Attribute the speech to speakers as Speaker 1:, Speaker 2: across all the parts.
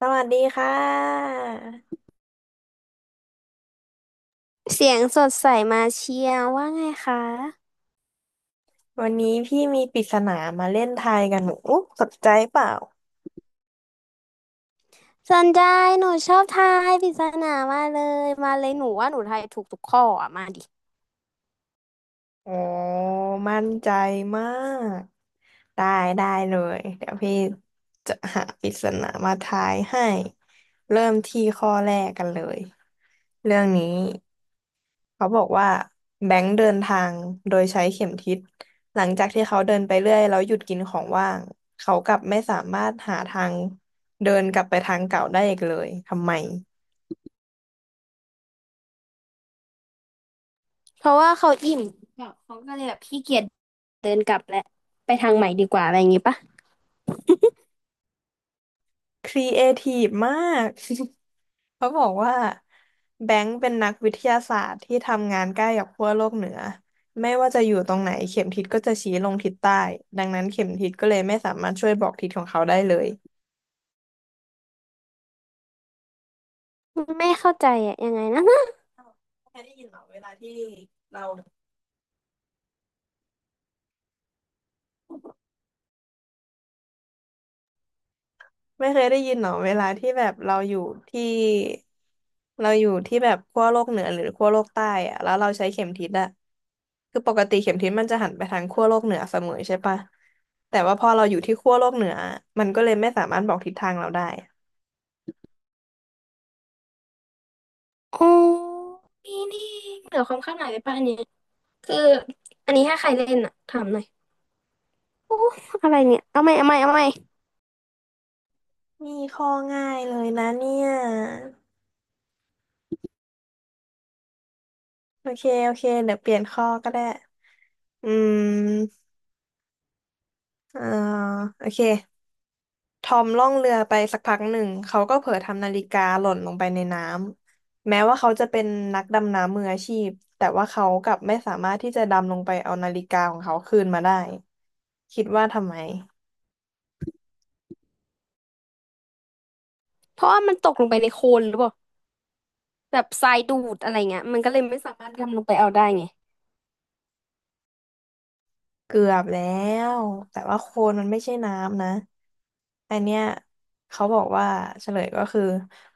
Speaker 1: สวัสดีค่ะ
Speaker 2: เสียงสดใสมาเชียร์ว่าไงคะ
Speaker 1: วันนี้พี่มีปริศนามาเล่นทายกันหนูอุ๊ยสนใจเปล่า
Speaker 2: สนใจหนูชอบทายปริศนามากเลยมาเลยหนูว่าหนูทายถูกทุกข้ออ่ะมาดิ
Speaker 1: โอ้มั่นใจมากได้ได้เลยเดี๋ยวพี่จะหาปริศนามาทายให้เริ่มที่ข้อแรกกันเลยเรื่องนี้เขาบอกว่าแบงค์เดินทางโดยใช้เข็มทิศหลังจากที่เขาเดินไปเรื่อยแล้วหยุดกินของว่างเขากลับไม่สามารถหาทางเดินกลับไปทางเก่าได้อีกเลยทำไม
Speaker 2: เพราะว่าเขาอิ่มเขาก็เลยแบบขี้เกียจเดินกลับแหละไปทางใหม่ดีกว่าอะไรอย่างงี้ปะ
Speaker 1: ครีเอทีฟมาก เขาบอกว่าแบงค์เป็นนักวิทยาศาสตร์ที่ทำงานใกล้กับขั้วโลกเหนือไม่ว่าจะอยู่ตรงไหนเข็มทิศก็จะชี้ลงทิศใต้ดังนั้นเข็มทิศก็เลยไม่สามารถช่วยบอกทิศของเขาได้เลย
Speaker 2: ไม่เข้าใจอ่ะยังไงนะแค่ได้ยินเหรอเวลาที่เรา
Speaker 1: ไม่เคยได้ยินหรอเวลาที่แบบเราอยู่ที่เราอยู่ที่แบบขั้วโลกเหนือหรือขั้วโลกใต้อะแล้วเราใช้เข็มทิศอะคือปกติเข็มทิศมันจะหันไปทางขั้วโลกเหนือเสมอใช่ปะแต่ว่าพอเราอยู่ที่ขั้วโลกเหนือมันก็เลยไม่สามารถบอกทิศทางเราได้
Speaker 2: โอ้นี่นี่เหนือความคาดหมายไปป่ะอันเนี้ยคืออันนี้ถ้าใครเล่นอ่ะถามหน่อยโอ้อะไรเนี่ยเอาไหมเอาไหมเอาไหม
Speaker 1: นี่ข้อง่ายเลยนะเนี่ยโอเคโอเคเดี๋ยวเปลี่ยนข้อก็ได้อืมเอ่อโอเคทอมล่องเรือไปสักพักหนึ่งเขาก็เผลอทำนาฬิกาหล่นลงไปในน้ำแม้ว่าเขาจะเป็นนักดำน้ำมืออาชีพแต่ว่าเขากลับไม่สามารถที่จะดำลงไปเอานาฬิกาของเขาคืนมาได้คิดว่าทำไม
Speaker 2: เพราะว่ามันตกลงไปในโคลนหรือเปล่า แบบทรายดูดอะไรเงี้ยมันก็เลยไม่สามารถดำลงไปเอาได้ไง
Speaker 1: เกือบแล้วแต่ว่าโคลนมันไม่ใช่น้ำนะ อันเนี้ยเขาบอกว่าเฉลยก็คือ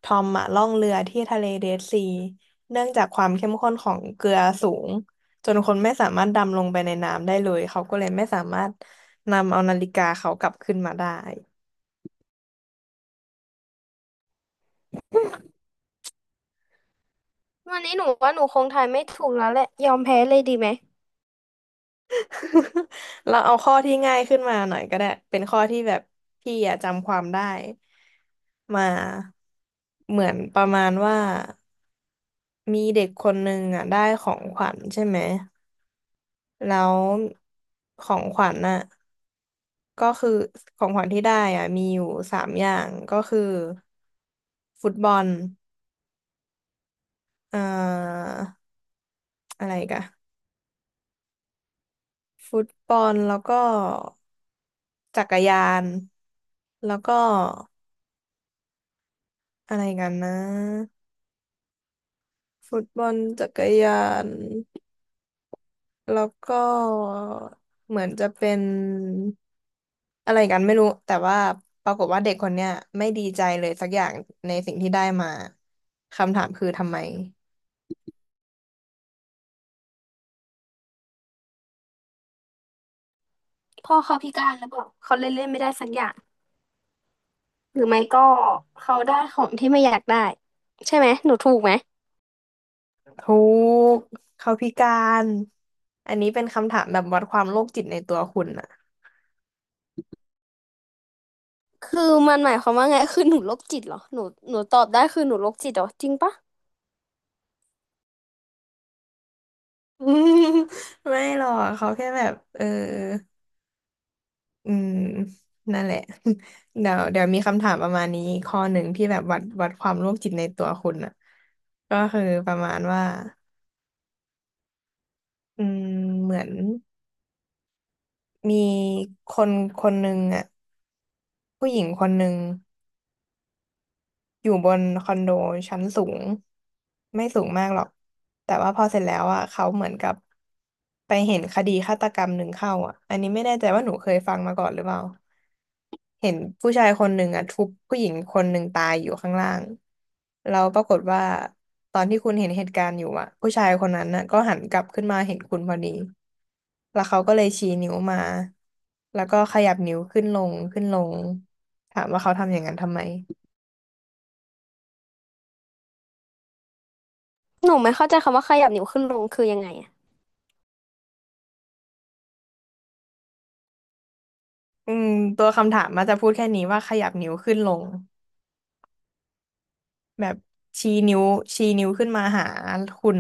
Speaker 1: ทอมอะล่องเรือที่ทะเลเดดซีเนื่องจากความเข้มข้นของเกลือสูงจนคนไม่สามารถดำลงไปในน้ำได้เลยเขาก็เลยไม่สามารถนำเอานาฬิกาเขากลับขึ้นมาได้
Speaker 2: วันนี้หนูว่าหนูคงทายไม่ถูกแล้วแหละยอมแพ้เลยดีไหม
Speaker 1: เราเอาข้อที่ง่ายขึ้นมาหน่อยก็ได้เป็นข้อที่แบบพี่อะจำความได้มาเหมือนประมาณว่ามีเด็กคนหนึ่งอะได้ของขวัญใช่ไหม แล้วของขวัญน่ะก็คือของขวัญที่ได้อ่ะมีอยู่สามอย่างก็คือฟุตบอลเอ่ออะไรอีกันฟุตบอลแล้วก็จักรยานแล้วก็อะไรกันนะฟุตบอลจักรยาน แล้วก็เหมือนจะเป็นอะไรกันไม่รู้แต่ว่าปรากฏว่าเด็กคนเนี้ยไม่ดีใจเลยสักอย่างในสิ่งที่ได้มาคำถามคือทำไม
Speaker 2: พ่อเขาพิการแล้วบอกเขาเล่นเล่นไม่ได้สักอย่างหรือไม่ก็เขาได้ของที่ไม่อยากได้ใช่ไหมหนูถูกไหม
Speaker 1: ทุกข์เขาพิการอันนี้เป็นคำถามแบบวัดความโรคจิตในตัวคุณอะ
Speaker 2: คือมันหมายความว่าไงคือหนูโรคจิตเหรอหนูหนูตอบได้คือหนูโรคจิตเหรอจริงปะ
Speaker 1: อืมไม่หรอกเขาแค่แบบเอออืมนั่นแหละ เดี๋ยวเดี๋ยวมีคำถามประมาณนี้ข้อหนึ่งที่แบบวัดความโรคจิตในตัวคุณอ่ะก็คือประมาณว่า อืมเหมือนมีคนคนหนึ่งอ่ะผู้หญิงคนหนึ่ง อยู่บนคอนโดชั้นสูงไม่สูงมากหรอกแต่ว่าพอเสร็จแล้วอ่ะเขาเหมือนกับไปเห็นคดีฆาตกรรมหนึ่งเข้าอ่ะอันนี้ไม่แน่ใจว่าหนูเคยฟังมาก่อนหรือเปล่าเห็นผู้ชายคนหนึ่งอ่ะทุบผู้หญิงคนหนึ่งตายอยู่ข้างล่างแล้วปรากฏว่าตอนที่คุณเห็นเหตุการณ์อยู่อ่ะผู้ชายคนนั้นน่ะก็หันกลับขึ้นมาเห็นคุณพอดีแล้วเขาก็เลยชี้นิ้วมาแล้วก็ขยับนิ้วขึ้นลงขึ้นลงถามว่าเขาทำอย่างนั้นทำไม
Speaker 2: หนูไม่เข้าใจคำว่าขยับนิ้วขึ้นลงคือยังไงอะ
Speaker 1: อืมตัวคำถามมันจะพูดแค่นี้ว่าขยับนิ้วขึ้นลงแบบชี้นิ้วชี้นิ้วขึ้นมาหาคุณ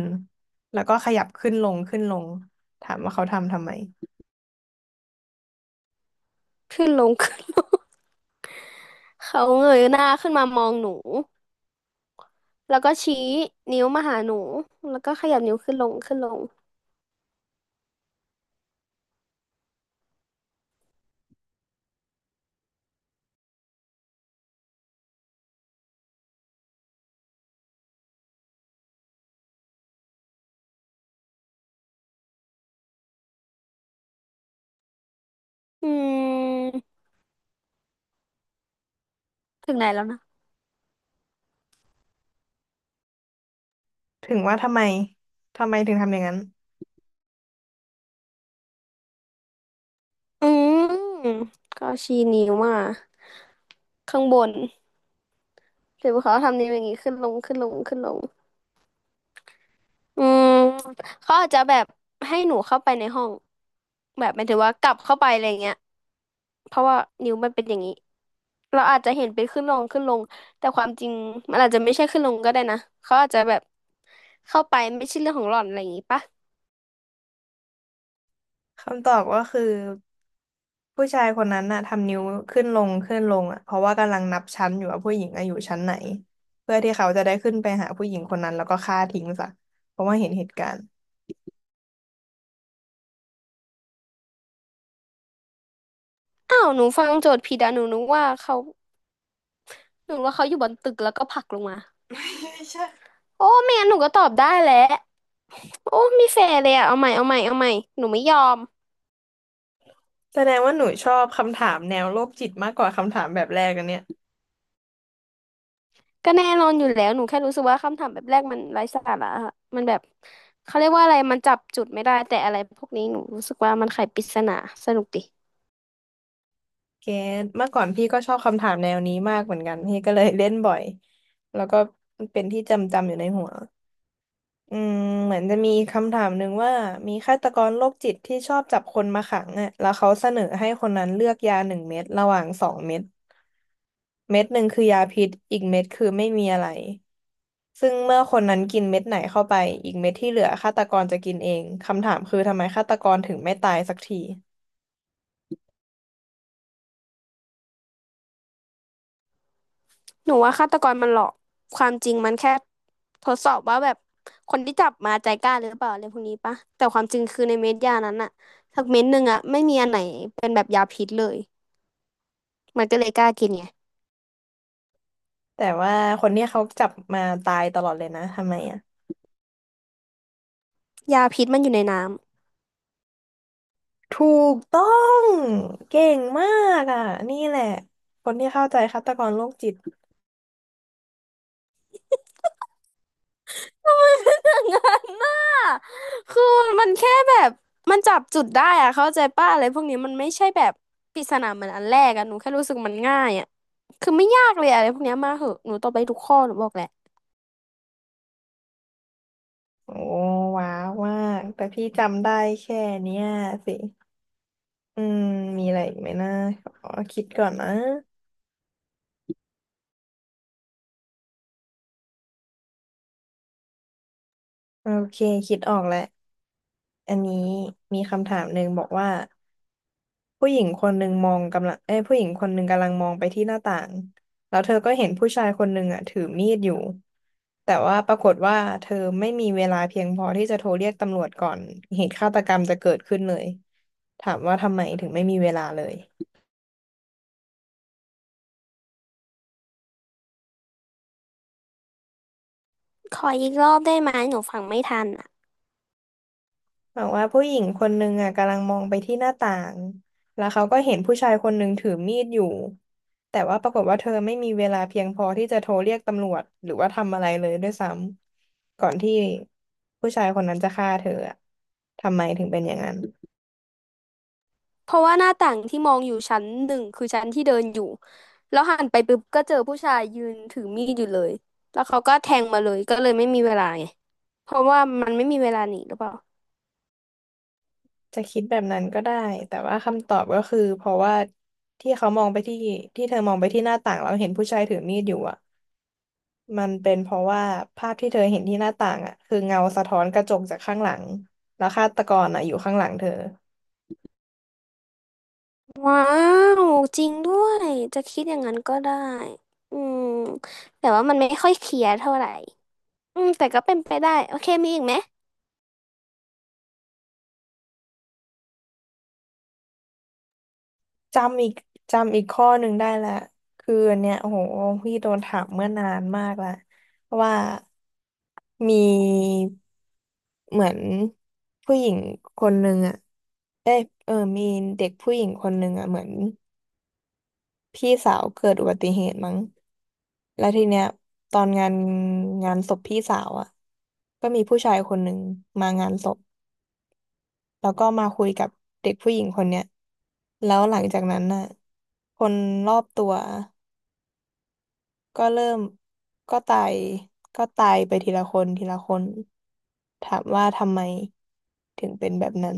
Speaker 1: แล้วก็ขยับขึ้นลงขึ้นลงถามว่าเขาทำทำไม
Speaker 2: ขึ้นลงขึ้นลง เขาเงยหน้าขึ้นมามองหนูแล้วก็ชี้นิ้วมาหาหนูแล้วก็ขยับนิ้วขึ้นลงขึ้นลง อืมถึงไหนแล้วนะ
Speaker 1: ถึงว่าทำไมถึงทำอย่างนั้น
Speaker 2: อืมก็ชี้นิ้วมาข้างบนหรือว่าเขาทำนิ้วอย่างงี้ขึ้นลงขึ้นลงขึ้นลงอืมเขาอาจจะแบบให้หนูเข้าไปในห้องแบบหมายถึงว่ากลับเข้าไปอะไรเงี้ยเพราะว่านิ้วมันเป็นอย่างนี้เราอาจจะเห็นเป็นขึ้นลงขึ้นลงแต่ความจริงมันอาจจะไม่ใช่ขึ้นลงก็ได้นะเขาอาจจะแบบเข้าไปไม่ใช่เรื่องของหล่อนอะไรอย่างงี้ปะ
Speaker 1: คำตอบก็คือผู้ชายคนนั้นน่ะทำนิ้วขึ้นลงขึ้นลงอ่ะเพราะว่ากำลังนับชั้นอยู่ว่าผู้หญิงอะอยู่ชั้นไหนเพื่อที่เขาจะได้ขึ้นไปหาผู้หญิงคนนั้นแล้วก็ฆ่าทิ้งซะเพราะว่าเห็นเหตุการณ์
Speaker 2: อ้าวหนูฟังโจทย์ผิดอะหนูนึกว่าเขาหนูว่าเขาอยู่บนตึกแล้วก็ผลักลงมา โอ้ไม่งั้นหนูก็ตอบได้แหละโอ้ไม่แฟร์เลยอะเอาใหม่เอาใหม่เอาใหม่หนูไม่ยอม
Speaker 1: แสดงว่าหนูชอบคำถามแนวโรคจิตมากกว่าคำถามแบบแรกอันเนี้ย
Speaker 2: ก็แน่นอนอยู่แล้วหนูแค่รู้สึกว่าคำถามแบบแรกมันไร้สาระอะมันแบบเขาเรียกว่าอะไรมันจับจุดไม่ได้แต่อะไรพวกนี้หนูรู้สึกว่ามันไขปริศนาสนุกดิ
Speaker 1: เกตเมื่อก่อนพี่ก็ชอบคำถามแนวนี้มากเหมือนกันพี่ก็เลยเล่นบ่อยแล้วก็เป็นที่จำอยู่ในหัวอืมเหมือนจะมีคำถามหนึ่งว่ามีฆาตกรโรคจิตที่ชอบจับคนมาขังอ่ะแล้วเขาเสนอให้คนนั้นเลือกยาหนึ่งเม็ดระหว่างสองเม็ดเม็ดหนึ่งคือยาพิษอีกเม็ดคือไม่มีอะไรซึ่งเมื่อคนนั้นกินเม็ดไหนเข้าไปอีกเม็ดที่เหลือฆาตกรจะกินเองคำถามคือทำไมฆาตกรถึงไม่ตายสักที
Speaker 2: หนูว่าฆาตกรมันหลอกความจริงมันแค่ทดสอบว่าแบบคนที่จับมาใจกล้าหรือเปล่าอะไรพวกนี้ปะแต่ความจริงคือในเม็ดยานั้นอะสักเม็ดหนึ่งอะไม่มีอันไหนเป็นแบบยาพิษเลยมันก็เลยกล้ากินไง
Speaker 1: แต่ว่าคนเนี้ยเขาจับมาตายตลอดเลยนะทำไมอ่ะ
Speaker 2: ยาพิษมันอยู่ในน้ำ
Speaker 1: ถูกต้องเก่งมากอ่ะนี่แหละคนที่เข้าใจฆาตกรโรคจิต
Speaker 2: อย่างนั้นน่ะคือมันแค่แบบมันจับจุดได้อะเข้าใจป้ะอะไรพวกนี้มันไม่ใช่แบบปริศนาเหมือนอันแรกอะหนูแค่รู้สึกมันง่ายอะคือไม่ยากเลยอะอะไรพวกเนี้ยมาเหอะหนูตอบไปทุกข้อหนูบอกแหละ
Speaker 1: โอ้ว้าวมากแต่พี่จำได้แค่เนี้ยสิอืมมีอะไรอีกไหมนะขอคิดก่อนนะโอเคคิดออกแล้วอันนี้มีคำถามหนึ่งบอกว่า ผู้หญิงคนหนึ่งมองกำลังเอ้ยผู้หญิงคนหนึ่งกำลังมองไปที่หน้าต่างแล้วเธอก็เห็นผู้ชายคนหนึ่งถือมีดอยู่แต่ว่าปรากฏว่าเธอไม่มีเวลาเพียงพอที่จะโทรเรียกตำรวจก่อนเหตุฆาตกรรมจะเกิดขึ้นเลยถามว่าทำไมถึงไม่มีเวลาเลย
Speaker 2: ขออีกรอบได้ไหมหนูฟังไม่ทันอะ
Speaker 1: บอกว่าผู้หญิงคนหนึ่งกำลังมองไปที่หน้าต่างแล้วเขาก็เห็นผู้ชายคนหนึ่งถือมีดอยู่ แต่ว่าปรากฏว่าเธอไม่มีเวลาเพียงพอที่จะโทรเรียกตำรวจหรือว่าทำอะไรเลยด้วยซ้ำก่อนที่ผู้ชายคนนั้นจะฆ่าเธออะทำไมถึงเป็นอย่างนั้น
Speaker 2: เพราะว่าหน้าต่างที่มองอยู่ชั้นหนึ่งคือชั้นที่เดินอยู่แล้วหันไปปุ๊บก็เจอผู้ชายยืนถือมีดอยู่เลยแล้วเขาก็แทงมาเลยก็เลยไม่มีเวลาไงเพราะว่ามันไม่มีเวลาหนีหรือเปล่า
Speaker 1: จะคิดแบบนั้นก็ได้ แต่ว่าคำตอบก็คือเพราะว่าที่เขามองไปที่ที่เธอมองไปที่หน้าต่างแล้วเห็นผู้ชายถือมีดอยู่มันเป็นเพราะว่าภาพที่เธอเห็นที่หน้าต่างคือเงาสะท้อนกระจกจากข้างหลังแล้วฆาตกรอยู่ข้างหลังเธอ
Speaker 2: ว้าวจริงด้วยจะคิดอย่างนั้นก็ได้อืมแต่ว่ามันไม่ค่อยเคลียร์เท่าไหร่อืมแต่ก็เป็นไปได้โอเคมีอีกไหม
Speaker 1: จำอีกจำอีกข้อหนึ่งได้ละคืออันเนี่ยโอ้โหพี่โดนถามเมื่อนานมากละว่ามีเหมือนผู้หญิงคนหนึ่งเอ๊ะมีเด็กผู้หญิงคนหนึ่งเหมือน พี่สาวเกิดอุบัติเหตุมั้งแล้วทีเนี้ยตอนงานศพพี่สาวก็มีผู้ชายคนหนึ่งมางานศพแล้วก็มาคุยกับเด็กผู้หญิงคนเนี้ย แล้วหลังจากนั้นน่ะคนรอบตัวก็เริ่มก็ตายก็ตายไปทีละคนทีละคนถามว่าทำไมถึงเป็นแบบนั้น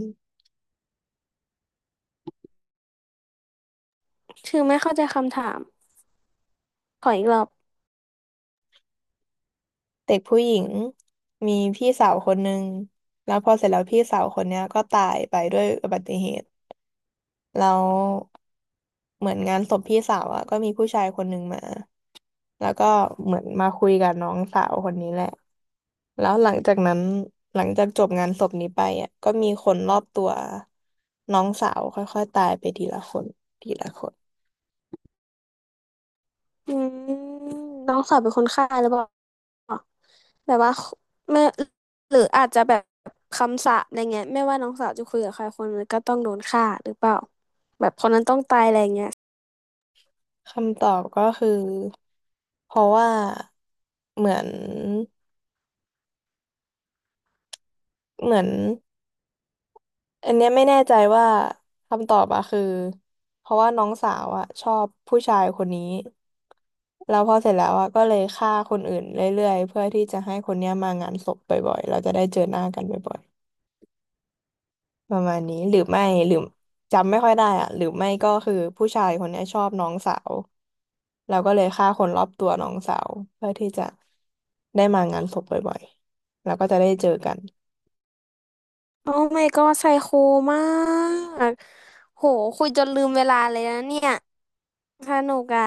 Speaker 2: คือไม่เข้าใจคำถามขออีกรอบ
Speaker 1: เด็กผู้หญิงมีพี่สาวคนหนึ่งแล้วพอเสร็จแล้วพี่สาวคนเนี้ยก็ตายไปด้วยอุบัติเหตุ แล้วเหมือนงานศพพี่สาวอะก็มีผู้ชายคนหนึ่งมาแล้วก็เหมือนมาคุยกับน้องสาวคนนี้แหละแล้วหลังจากนั้นหลังจากจบงานศพนี้ไปก็มีคนรอบตัวน้องสาวค่อยๆตายไปทีละคนทีละคน
Speaker 2: อืมน้องสาวเป็นคนฆ่าหรือเปล่าแบบว่าไม่หรืออาจจะแบบคำสาปอะไรเงี้ยไม่ว่าน้องสาวจะคุยกับใครคนนึงก็ต้องโดนฆ่าหรือเปล่าแบบคนนั้นต้องตายอะไรเงี้ย
Speaker 1: คำตอบก็คือเพราะว่าเหมือนเหมือน อันเนี้ยไม่แน่ใจว่าคำตอบอะคือเพราะว่าน้องสาวอะชอบผู้ชายคนนี้แล้วพอเสร็จแล้วอะก็เลยฆ่าคนอื่นเรื่อยๆเพื่อที่จะให้คนเนี้ยมางานศพบ่อยๆเราจะได้เจอหน้ากันบ่อยๆประมาณนี้หรือไม่หรือจำไม่ค่อยได้อะหรือไม่ก็คือผู้ชายคนเนี้ยชอบน้องสาวเราก็เลยฆ่าคนรอบตัวน้องสาวเพื่อที่จะได้มางานศพบ่อยๆแล้วก็จะได้เจอกัน
Speaker 2: โอ้ my god ไซโคมาก โหคุยจนลืมเวลาเลยนะเนี่ยสนุกอ่ะ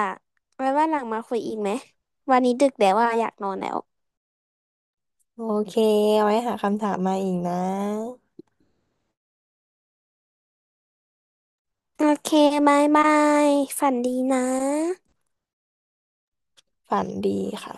Speaker 2: ไว้ว่าหลังมาคุยอีกไหมวันนี้ดึกแล้วว่าอะอยากนอนแล้ว
Speaker 1: โอเคเอาไว้หาคำถามมาอีกนะ
Speaker 2: โอเคบายบายฝันดีนะ
Speaker 1: ฝันดีค่ะ